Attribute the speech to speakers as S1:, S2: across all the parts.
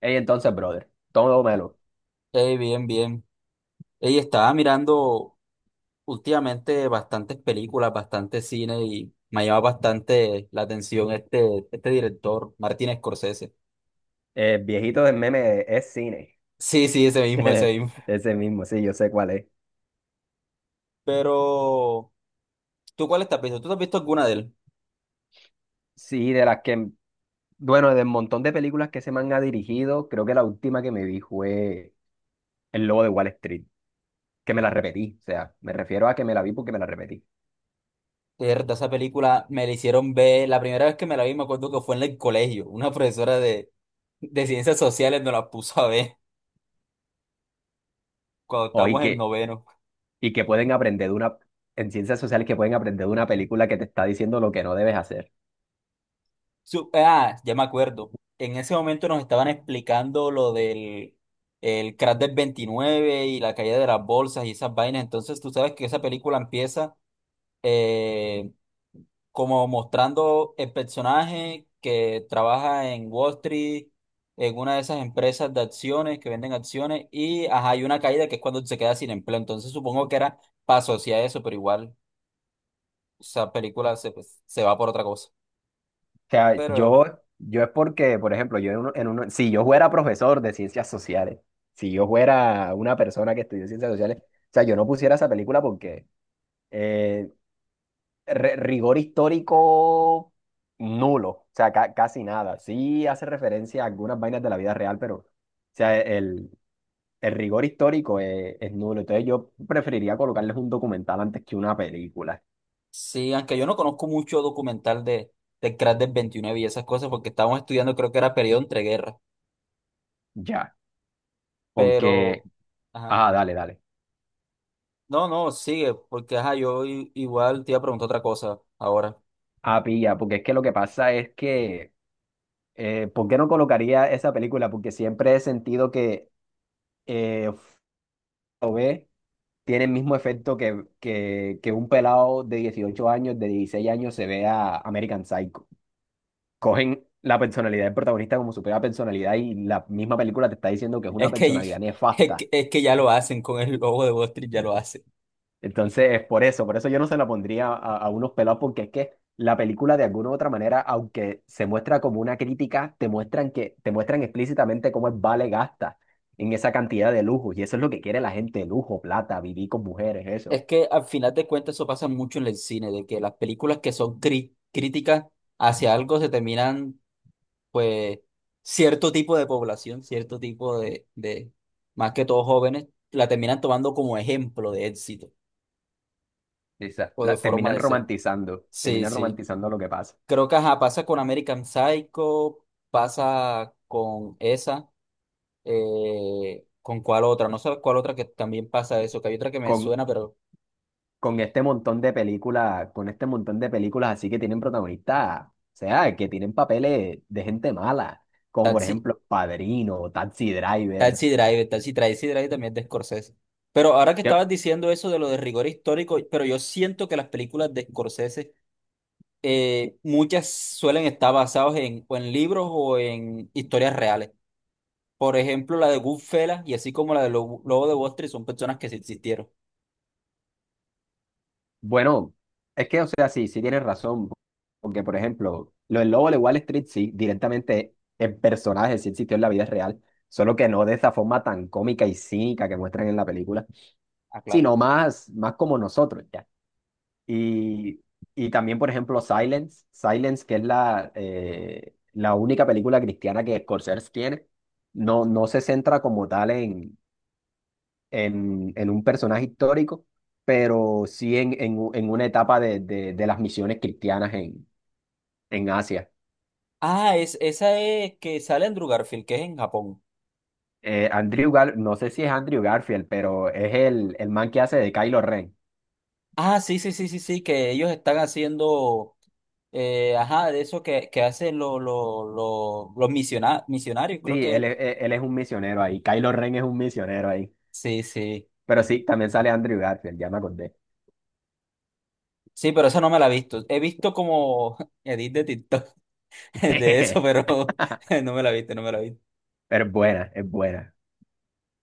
S1: Ey, entonces, brother, todo melo,
S2: Bien, bien. Ey, estaba mirando últimamente bastantes películas, bastante cine y me llama bastante la atención este director, Martin Scorsese.
S1: el viejito del meme es cine.
S2: Sí, sí, ese mismo, ese mismo.
S1: Ese mismo, sí, yo sé cuál es.
S2: Pero, ¿tú cuál estás visto? ¿Tú te has visto alguna de él?
S1: Sí, de las que, bueno, del montón de películas que se man ha dirigido, creo que la última que me vi fue El Lobo de Wall Street, que me la repetí. O sea, me refiero a que me la vi porque me la repetí.
S2: Mierda, esa película me la hicieron ver. La primera vez que me la vi, me acuerdo que fue en el colegio. Una profesora de ciencias sociales nos la puso a ver cuando
S1: O y
S2: estábamos en
S1: que,
S2: noveno.
S1: y que pueden aprender de una, en ciencias sociales que pueden aprender de una película que te está diciendo lo que no debes hacer.
S2: Ya me acuerdo. En ese momento nos estaban explicando lo del el crash del 29 y la caída de las bolsas y esas vainas. Entonces tú sabes que esa película empieza eh, como mostrando el personaje que trabaja en Wall Street, en una de esas empresas de acciones que venden acciones y ajá, hay una caída que es cuando se queda sin empleo. Entonces supongo que era para asociar eso, pero igual esa película se, pues, se va por otra cosa.
S1: Sea, yo,
S2: Pero...
S1: yo es porque, por ejemplo, yo en uno, si yo fuera profesor de ciencias sociales, si yo fuera una persona que estudió ciencias sociales, o sea, yo no pusiera esa película porque eh, rigor histórico nulo, o sea, casi nada. Sí hace referencia a algunas vainas de la vida real, pero, o sea, el rigor histórico es nulo. Entonces yo preferiría colocarles un documental antes que una película,
S2: Sí, aunque yo no conozco mucho documental de crack del 29 y esas cosas, porque estábamos estudiando, creo que era periodo entre guerras.
S1: ya,
S2: Pero,
S1: porque,
S2: ajá.
S1: ah, dale, dale.
S2: No, no, sigue, porque ajá, igual te iba a preguntar otra cosa ahora.
S1: Ah, pilla, porque es que lo que pasa es que ¿por qué no colocaría esa película? Porque siempre he sentido que eh, ve tiene el mismo efecto que, que un pelado de 18 años, de 16 años, se ve a American Psycho. Cogen la personalidad del protagonista como su propia personalidad y la misma película te está diciendo que es una
S2: Es que,
S1: personalidad nefasta.
S2: es que ya lo hacen con el logo de Wall Street, ya lo hacen.
S1: Entonces, por eso yo no se la pondría a unos pelados, porque es que la película de alguna u otra manera, aunque se muestra como una crítica, te muestran explícitamente cómo es vale gasta en esa cantidad de lujos. Y eso es lo que quiere la gente, lujo, plata, vivir con mujeres, eso.
S2: Es que al final de cuentas eso pasa mucho en el cine, de que las películas que son críticas hacia algo se terminan pues cierto tipo de población, cierto tipo más que todos jóvenes, la terminan tomando como ejemplo de éxito
S1: Esa-
S2: o de
S1: la,
S2: forma
S1: terminan
S2: de ser.
S1: romantizando,
S2: Sí,
S1: terminan
S2: sí.
S1: romantizando lo que pasa.
S2: Creo que ajá, pasa con American Psycho, pasa con esa, con cuál otra, no sé cuál otra que también pasa eso, que hay otra que me
S1: Con,
S2: suena, pero
S1: con este montón de películas, así que tienen protagonistas, o sea, que tienen papeles de gente mala, como por
S2: Taxi,
S1: ejemplo Padrino, Taxi Driver.
S2: Taxi Driver, Taxi Driver también es de Scorsese. Pero ahora que
S1: Que
S2: estabas diciendo eso de lo de rigor histórico, pero yo siento que las películas de Scorsese muchas suelen estar basadas en, o en libros o en historias reales. Por ejemplo, la de Goodfellas y así como la de Lobo de Wall Street son personas que sí existieron.
S1: Bueno, es que, o sea, sí, sí tienes razón, porque, por ejemplo, lo del Lobo de Wall Street, sí, directamente el personaje sí existió en la vida real, solo que no de esa forma tan cómica y cínica que muestran en la película,
S2: Ah, claro.
S1: sino más, más como nosotros, ya. Y, y también, por ejemplo, Silence, Silence, que es la única película cristiana que Scorsese tiene, no, no se centra como tal en, un personaje histórico, pero sí en, en una etapa de, de las misiones cristianas en Asia.
S2: Es, esa es que sale en Andrew Garfield, que es en Japón.
S1: No sé si es Andrew Garfield, pero es el man que hace de Kylo Ren.
S2: Ah, sí, sí, sí, sí, sí, que ellos están haciendo, ajá, de eso que hacen los misionarios, creo
S1: Sí, él,
S2: que.
S1: es- él él es un misionero ahí. Kylo Ren es un misionero ahí.
S2: Sí, sí.
S1: Pero sí, también sale Andrew Garfield, ya me acordé.
S2: Sí, pero esa no me la he visto. He visto como edit de TikTok de eso, pero no me la he visto, no me la he visto.
S1: Pero es buena, es buena,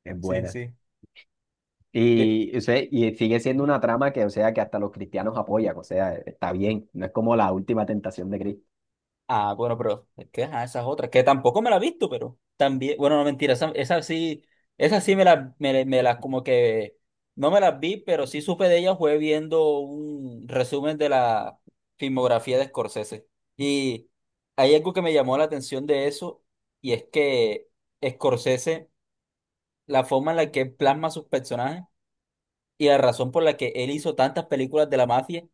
S1: es
S2: Sí,
S1: buena.
S2: sí. Ve-
S1: Y, o sea, y sigue siendo una trama que, o sea, que hasta los cristianos apoyan, o sea, está bien, no es como La Última Tentación de Cristo.
S2: Ah, bueno, pero es que ajá, esas otras, que tampoco me la he visto, pero también, bueno, no mentira, esa, esa sí me la, me, como que no me las vi, pero sí supe de ella, fue viendo un resumen de la filmografía de Scorsese. Y hay algo que me llamó la atención de eso, y es que Scorsese, la forma en la que plasma sus personajes. Y la razón por la que él hizo tantas películas de la mafia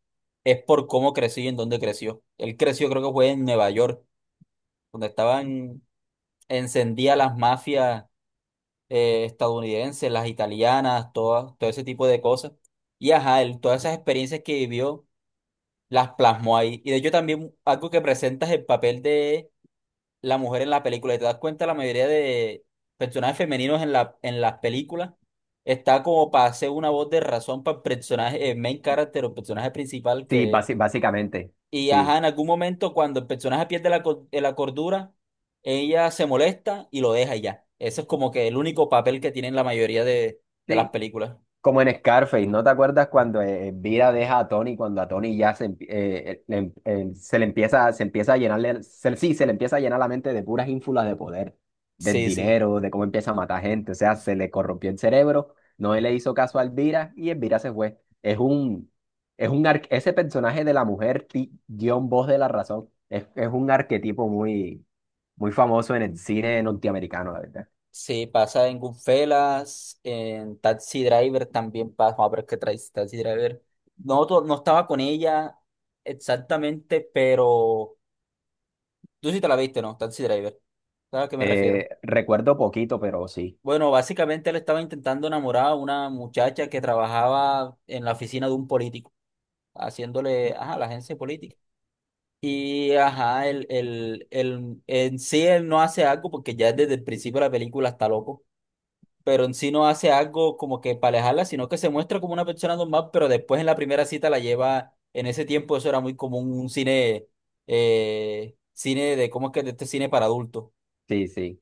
S2: es por cómo creció y en dónde creció. Él creció, creo que fue en Nueva York, donde estaban encendidas las mafias estadounidenses, las italianas, todas, todo ese tipo de cosas. Y ajá, él todas esas experiencias que vivió las plasmó ahí. Y de hecho también algo que presenta es el papel de la mujer en la película. Y te das cuenta, la mayoría de personajes femeninos en en las películas está como para hacer una voz de razón para el personaje, el main character o personaje principal
S1: Sí,
S2: que.
S1: básicamente,
S2: Y ajá,
S1: sí.
S2: en algún momento cuando el personaje pierde la, la cordura, ella se molesta y lo deja y ya. Eso es como que el único papel que tienen la mayoría de las
S1: Sí.
S2: películas.
S1: Como en Scarface, ¿no te acuerdas cuando Elvira deja a Tony, cuando a Tony se le empieza a llenar la mente de puras ínfulas de poder, del
S2: Sí, sí.
S1: dinero, de cómo empieza a matar gente, o sea, se le corrompió el cerebro, no le hizo caso a Elvira y Elvira se fue. Ese personaje de la mujer, guión voz de la razón, es un arquetipo muy, muy famoso en el cine norteamericano, la verdad.
S2: Sí, pasa en Goodfellas, en Taxi Driver también pasa. Vamos a ver qué trae Taxi Driver. No, no estaba con ella exactamente, pero tú sí te la viste, ¿no? Taxi Driver. ¿Sabes a qué me refiero?
S1: Recuerdo poquito, pero sí,
S2: Bueno, básicamente él estaba intentando enamorar a una muchacha que trabajaba en la oficina de un político, haciéndole, ajá, la agencia política. Y, ajá, en sí él no hace algo porque ya desde el principio de la película está loco, pero en sí no hace algo como que para alejarla, sino que se muestra como una persona normal, pero después en la primera cita la lleva, en ese tiempo eso era muy común, un cine, cine de, ¿cómo es que? De este cine para adultos.
S1: sí, sí,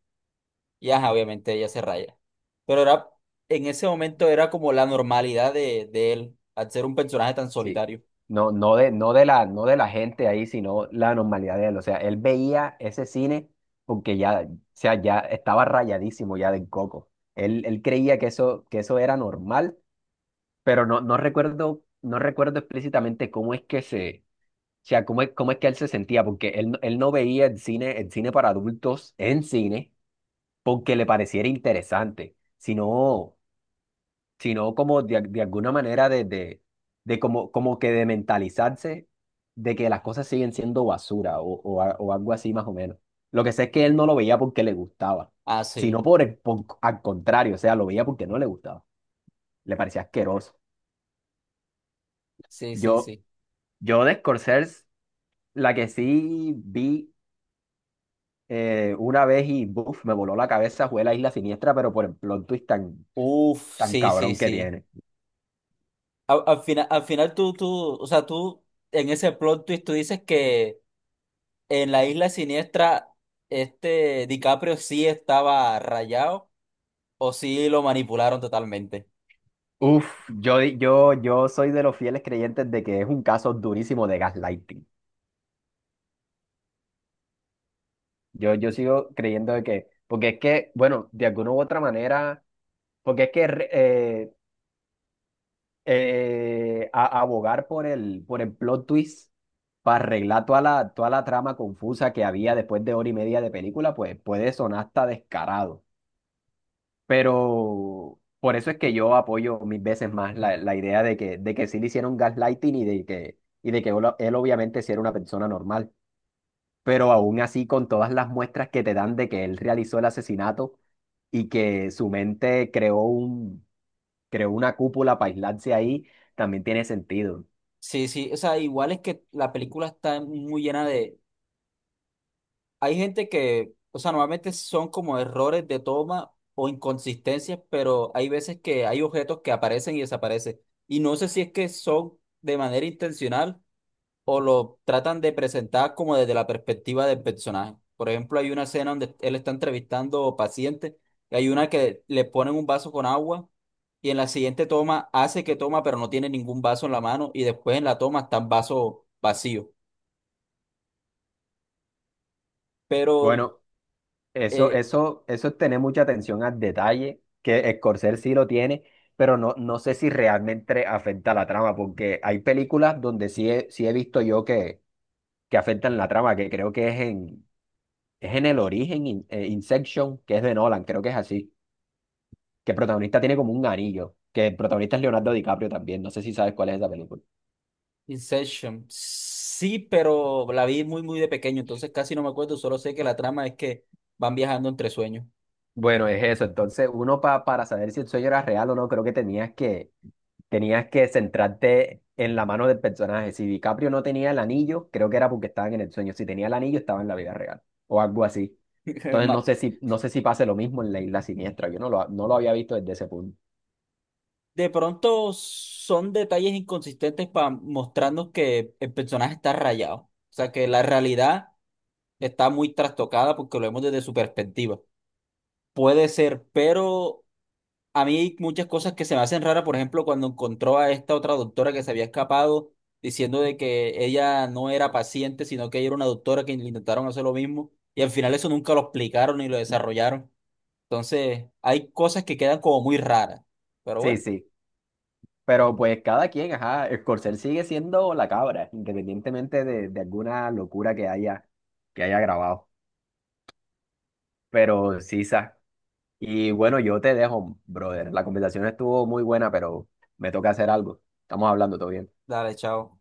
S2: Y ajá, obviamente ella se raya. Pero era, en ese momento era como la normalidad de él, al ser un personaje tan
S1: sí.
S2: solitario.
S1: No, no de la gente ahí, sino la normalidad de él. O sea, él veía ese cine porque ya, o sea, ya estaba rayadísimo ya del coco. Él creía que eso era normal, pero no recuerdo explícitamente cómo es que se, o sea, cómo es que él se sentía, porque él no veía el cine, para adultos en cine porque le pareciera interesante, sino como de alguna manera de como que de mentalizarse de que las cosas siguen siendo basura o, o algo así más o menos. Lo que sé es que él no lo veía porque le gustaba,
S2: Ah,
S1: sino
S2: sí,
S1: al contrario, o sea, lo veía porque no le gustaba, le parecía asqueroso.
S2: sí, sí,
S1: Yo,
S2: sí.
S1: yo de Scorsese, la que sí vi una vez y buf, me voló la cabeza fue La Isla Siniestra, pero por el plot twist tan,
S2: Uf,
S1: tan
S2: sí, sí,
S1: cabrón que
S2: sí.
S1: tiene.
S2: Al final, al final tú en ese plot twist tú dices que. En la Isla Siniestra, este DiCaprio sí estaba rayado o sí lo manipularon totalmente.
S1: Uf, yo soy de los fieles creyentes de que es un caso durísimo de gaslighting. Yo sigo creyendo de que, porque es que, bueno, de alguna u otra manera, porque es que abogar por el plot twist para arreglar toda la trama confusa que había después de hora y media de película, pues puede sonar hasta descarado. Pero por eso es que yo apoyo mil veces más la idea de que sí le hicieron gaslighting y de que él obviamente sí era una persona normal. Pero aún así, con todas las muestras que te dan de que él realizó el asesinato y que su mente creó una cúpula para aislarse ahí, también tiene sentido.
S2: Sí, sí, o sea, igual es que la película está muy llena de... Hay gente que, o sea, normalmente son como errores de toma o inconsistencias, pero hay veces que hay objetos que aparecen y desaparecen. Y no sé si es que son de manera intencional o lo tratan de presentar como desde la perspectiva del personaje. Por ejemplo, hay una escena donde él está entrevistando pacientes, y hay una que le ponen un vaso con agua y en la siguiente toma hace que toma, pero no tiene ningún vaso en la mano y después en la toma está el vaso vacío. Pero
S1: Bueno, Eso,
S2: eh,
S1: eso, eso es tener mucha atención al detalle, que Scorsese sí lo tiene, pero no sé si realmente afecta a la trama, porque hay películas donde sí he visto yo que afectan la trama, que creo que es en El Origen, Inception, que es de Nolan, creo que es así, que el protagonista tiene como un anillo, que el protagonista es Leonardo DiCaprio también, no sé si sabes cuál es esa película.
S2: Inception, sí, pero la vi muy, muy de pequeño, entonces casi no me acuerdo, solo sé que la trama es que van viajando entre sueños.
S1: Bueno, es eso, entonces uno para saber si el sueño era real o no, creo que tenías que centrarte en la mano del personaje. Si DiCaprio no tenía el anillo, creo que era porque estaban en el sueño. Si tenía el anillo, estaba en la vida real o algo así. Entonces no sé si, no sé si pase lo mismo en La Isla Siniestra. Yo no lo había visto desde ese punto.
S2: De pronto son detalles inconsistentes para mostrarnos que el personaje está rayado. O sea, que la realidad está muy trastocada porque lo vemos desde su perspectiva. Puede ser, pero a mí hay muchas cosas que se me hacen raras. Por ejemplo, cuando encontró a esta otra doctora que se había escapado diciendo de que ella no era paciente, sino que ella era una doctora que intentaron hacer lo mismo. Y al final eso nunca lo explicaron ni lo desarrollaron. Entonces, hay cosas que quedan como muy raras. Pero
S1: Sí,
S2: bueno,
S1: sí. Pero pues cada quien, ajá, Scorsese sigue siendo la cabra, independientemente de alguna locura que haya grabado. Pero sí, Sa. Y bueno, yo te dejo, brother. La conversación estuvo muy buena, pero me toca hacer algo. Estamos hablando, todo bien.
S2: dale, chao.